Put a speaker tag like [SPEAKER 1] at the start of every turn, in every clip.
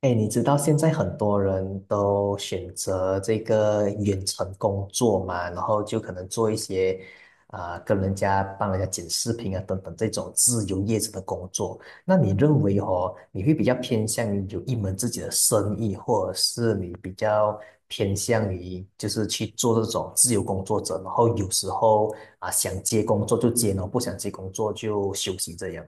[SPEAKER 1] 哎，你知道现在很多人都选择这个远程工作嘛，然后就可能做一些啊、跟人家帮人家剪视频啊等等这种自由业者的工作。那你认为哦，你会比较偏向于有一门自己的生意，或者是你比较偏向于就是去做这种自由工作者，然后有时候啊、想接工作就接，然后不想接工作就休息这样？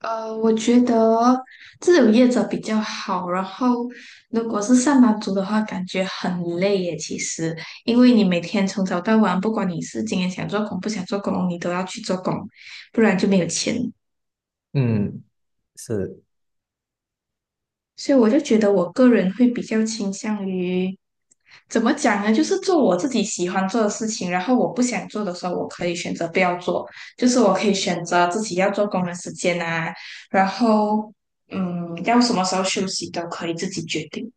[SPEAKER 2] 我觉得自由业者比较好。然后，如果是上班族的话，感觉很累耶。其实，因为你每天从早到晚，不管你是今天想做工不想做工，你都要去做工，不然就没有钱。
[SPEAKER 1] 嗯，是。
[SPEAKER 2] 所以我就觉得我个人会比较倾向于，怎么讲呢？就是做我自己喜欢做的事情，然后我不想做的时候，我可以选择不要做，就是我可以选择自己要做工的时间啊，然后要什么时候休息都可以自己决定。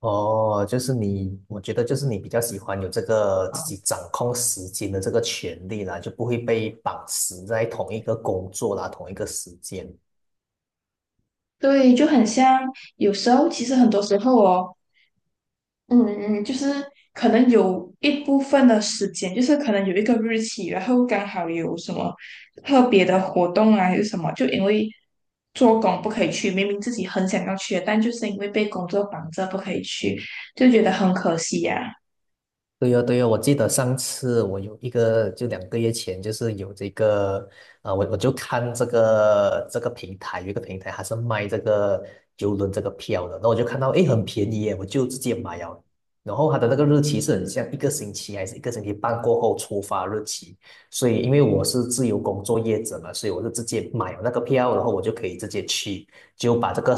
[SPEAKER 1] 哦，就是你，我觉得就是你比较喜欢有这个自己掌控时间的这个权利啦，就不会被绑死在同一个工作啦，同一个时间。
[SPEAKER 2] 对，就很像有时候，其实很多时候哦，嗯，就是可能有一部分的时间，就是可能有一个日期，然后刚好有什么特别的活动啊，还是什么，就因为做工不可以去，明明自己很想要去的，但就是因为被工作绑着不可以去，就觉得很可惜呀、
[SPEAKER 1] 对呀，对呀，我记得上次我有一个，就2个月前，就是有这个，我就看这个平台，有一个平台还是卖这个邮轮这个票的，然后我就看到，诶，很便宜耶，我就直接买了。然后它的那个日期是很像一个星期还是一个星期半过后出发日期，所以因为我是自由工作业者嘛，所以我就直接买了那个票，然后我就可以直接去。就把这个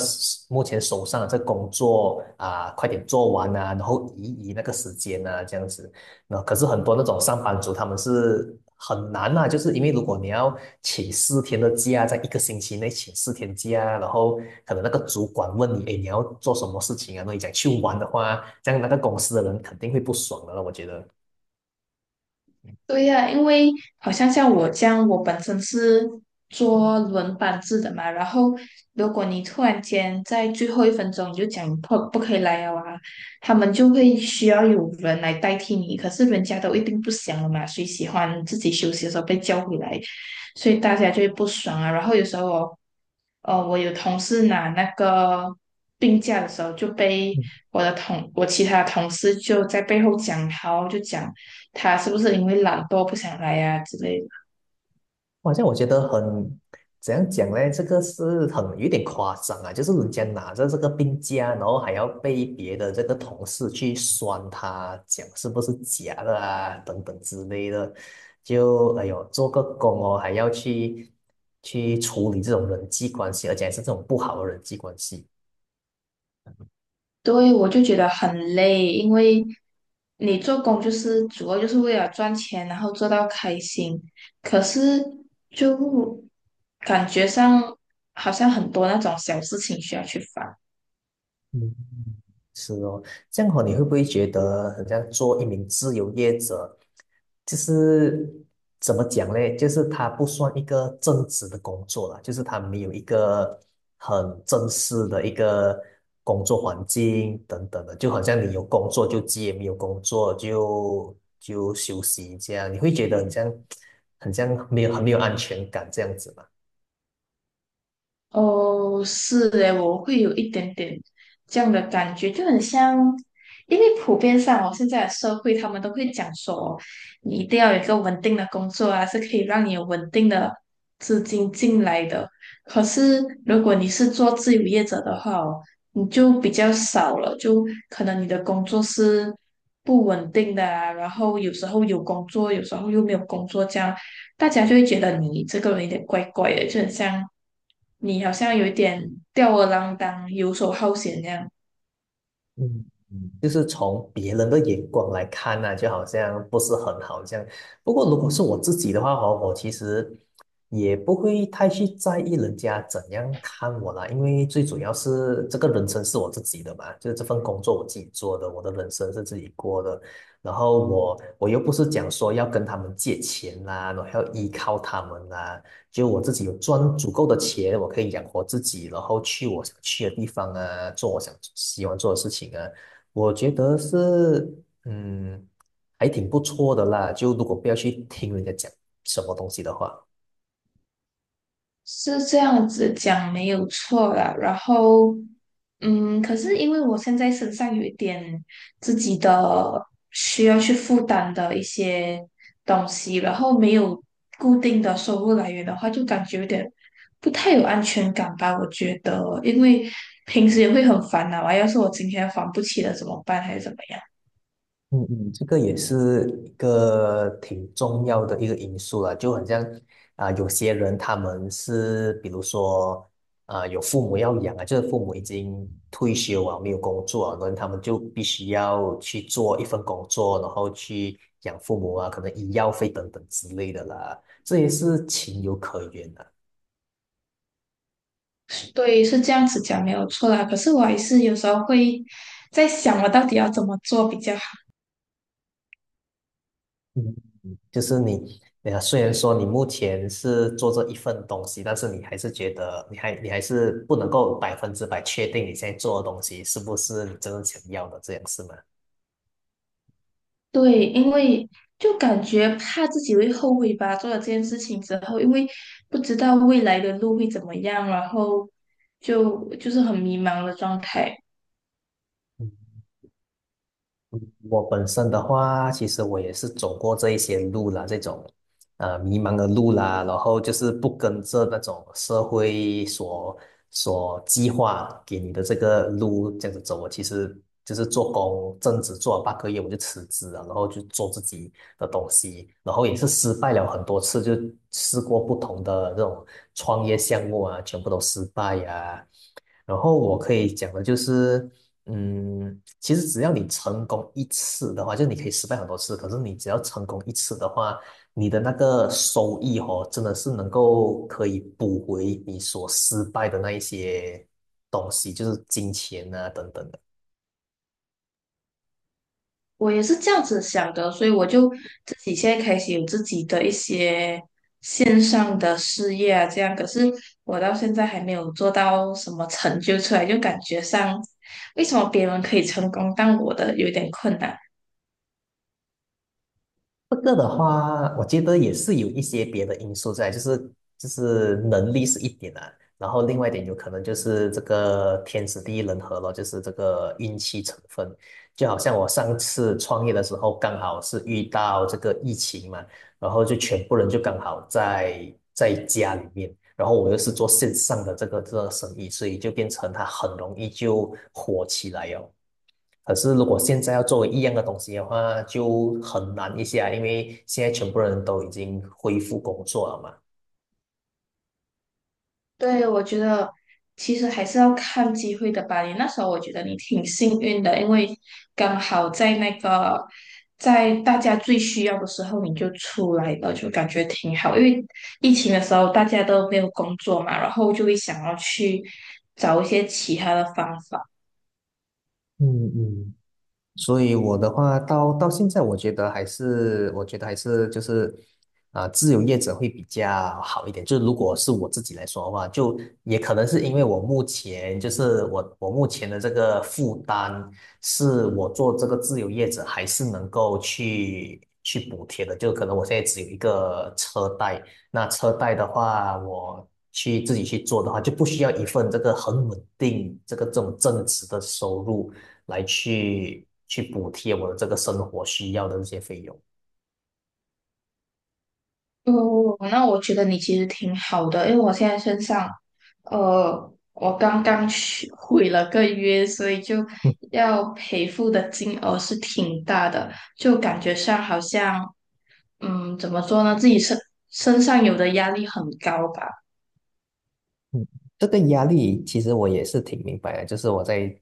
[SPEAKER 1] 目前手上的这个工作啊、快点做完啊，然后移那个时间啊，这样子。那可是很多那种上班族，他们是很难啊，就是因为如果你要请4天的假，在一个星期内请4天假，然后可能那个主管问你，哎，你要做什么事情啊？那你讲去玩的话，这样那个公司的人肯定会不爽的了，我觉得。
[SPEAKER 2] 对呀，因为好像像我这样，我本身是做轮班制的嘛，然后如果你突然间在最后一分钟你就讲你不可以来了啊，他们就会需要有人来代替你，可是人家都一定不想了嘛，谁喜欢自己休息的时候被叫回来？所以大家就会不爽啊。然后有时候我，我有同事拿那个病假的时候，就被我其他同事就在背后讲他哦就讲他是不是因为懒惰不想来呀、之类的。
[SPEAKER 1] 好像我觉得很，怎样讲呢？这个是很有点夸张啊，就是人家拿着这个病假，然后还要被别的这个同事去酸他，讲是不是假的啊，等等之类的，就哎呦，做个工哦，还要去处理这种人际关系，而且还是这种不好的人际关系。
[SPEAKER 2] 对，我就觉得很累，因为你做工就是主要就是为了赚钱，然后做到开心。可是就感觉上好像很多那种小事情需要去烦。
[SPEAKER 1] 嗯。是哦，这样哦，你会不会觉得很像做一名自由业者，就是怎么讲嘞？就是他不算一个正职的工作啦，就是他没有一个很正式的一个工作环境等等的，就好像你有工作就接，没有工作就休息这样，你会觉得很像没有安全感这样子吗？
[SPEAKER 2] 哦，是诶，我会有一点点这样的感觉，就很像，因为普遍上哦，现在的社会他们都会讲说，你一定要有一个稳定的工作啊，是可以让你有稳定的资金进来的。可是如果你是做自由业者的话哦，你就比较少了，就可能你的工作是不稳定的啊，然后有时候有工作，有时候又没有工作这样。大家就会觉得你这个人有点怪怪的，就很像你好像有一点吊儿郎当、游手好闲那样，
[SPEAKER 1] 嗯，就是从别人的眼光来看呢、就好像不是很好这样。不过如果是我自己的话哦，我其实也不会太去在意人家怎样看我啦，因为最主要是这个人生是我自己的嘛，就是这份工作我自己做的，我的人生是自己过的。然后我又不是讲说要跟他们借钱啦，然后要依靠他们啦。就我自己有赚足够的钱，我可以养活自己，然后去我想去的地方啊，做我想喜欢做的事情啊，我觉得是嗯，还挺不错的啦。就如果不要去听人家讲什么东西的话。
[SPEAKER 2] 是这样子讲没有错啦。然后，可是因为我现在身上有一点自己的需要去负担的一些东西，然后没有固定的收入来源的话，就感觉有点不太有安全感吧。我觉得，因为平时也会很烦恼啊，要是我今天还不起了怎么办，还是怎么样？
[SPEAKER 1] 嗯嗯，这个也是一个挺重要的一个因素了，就好像啊、有些人他们是比如说啊、有父母要养啊，就是父母已经退休啊，没有工作啊，然后他们就必须要去做一份工作，然后去养父母啊，可能医药费等等之类的啦，这也是情有可原的。
[SPEAKER 2] 对，是这样子讲没有错啦。可是我还是有时候会在想，我到底要怎么做比较好。
[SPEAKER 1] 嗯。就是你，虽然说你目前是做这一份东西，但是你还是觉得你还是不能够百分之百确定你现在做的东西是不是你真正想要的，这样是吗？
[SPEAKER 2] 对，因为就感觉怕自己会后悔吧，做了这件事情之后，因为不知道未来的路会怎么样，然后就是很迷茫的状态。
[SPEAKER 1] 我本身的话，其实我也是走过这一些路啦，这种迷茫的路啦，然后就是不跟着那种社会所计划给你的这个路这样子走。我其实就是做工，正职做了8个月，我就辞职了，然后就做自己的东西，然后也是失败了很多次，就试过不同的这种创业项目啊，全部都失败呀、然后我可以讲的就是，其实只要你成功一次的话，就你可以失败很多次，可是你只要成功一次的话，你的那个收益哦，真的是能够可以补回你所失败的那一些东西，就是金钱啊等等的。
[SPEAKER 2] 我也是这样子想的，所以我就自己现在开始有自己的一些线上的事业啊，这样，可是我到现在还没有做到什么成就出来，就感觉上，为什么别人可以成功，但我的有点困难。
[SPEAKER 1] 这个的话，我觉得也是有一些别的因素在，就是能力是一点啊，然后另外一点有可能就是这个天时地利人和咯，就是这个运气成分。就好像我上次创业的时候，刚好是遇到这个疫情嘛，然后就全部人就刚好在家里面，然后我又是做线上的这个生意，所以就变成它很容易就火起来哟。可是如果现在要作为一样的东西的话，就很难一些啊，因为现在全部人都已经恢复工作了嘛。
[SPEAKER 2] 对，我觉得其实还是要看机会的吧。你那时候我觉得你挺幸运的，因为刚好在那个在大家最需要的时候你就出来了，就感觉挺好。因为疫情的时候大家都没有工作嘛，然后就会想要去找一些其他的方法。
[SPEAKER 1] 嗯嗯，所以我的话，到现在，我觉得还是，我觉得还是就是，啊、自由业者会比较好一点。就如果是我自己来说的话，就也可能是因为我目前就是我目前的这个负担，是我做这个自由业者还是能够去补贴的。就可能我现在只有一个车贷，那车贷的话，我去自己去做的话，就不需要一份这个很稳定这个这种正职的收入。来去补贴我的这个生活需要的这些费用。
[SPEAKER 2] 哦，那我觉得你其实挺好的，因为我现在身上，我刚刚去毁了个约，所以就要赔付的金额是挺大的，就感觉上好像，嗯，怎么说呢，自己身上有的压力很高吧。
[SPEAKER 1] 这个压力其实我也是挺明白的，就是我在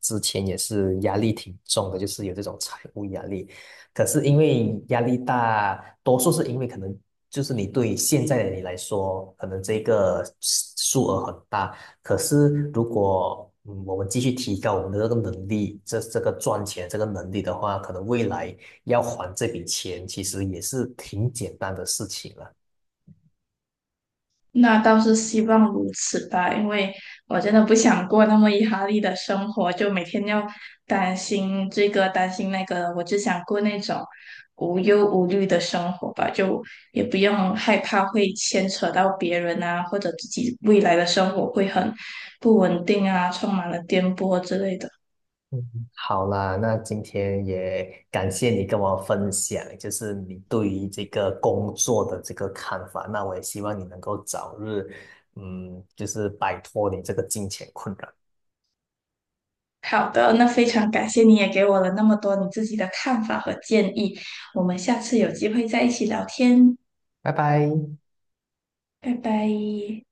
[SPEAKER 1] 之前也是压力挺重的，就是有这种财务压力。可是因为压力大，多数是因为可能就是你对现在的你来说，可能这个数额很大。可是如果我们继续提高我们的这个能力，这个赚钱这个能力的话，可能未来要还这笔钱其实也是挺简单的事情了。
[SPEAKER 2] 那倒是希望如此吧，因为我真的不想过那么压力的生活，就每天要担心这个担心那个我只想过那种无忧无虑的生活吧，就也不用害怕会牵扯到别人啊，或者自己未来的生活会很不稳定啊，充满了颠簸之类的。
[SPEAKER 1] 嗯，好啦，那今天也感谢你跟我分享，就是你对于这个工作的这个看法。那我也希望你能够早日，嗯，就是摆脱你这个金钱困扰。
[SPEAKER 2] 好的，那非常感谢你也给我了那么多你自己的看法和建议，我们下次有机会再一起聊天，
[SPEAKER 1] 拜拜。
[SPEAKER 2] 拜拜。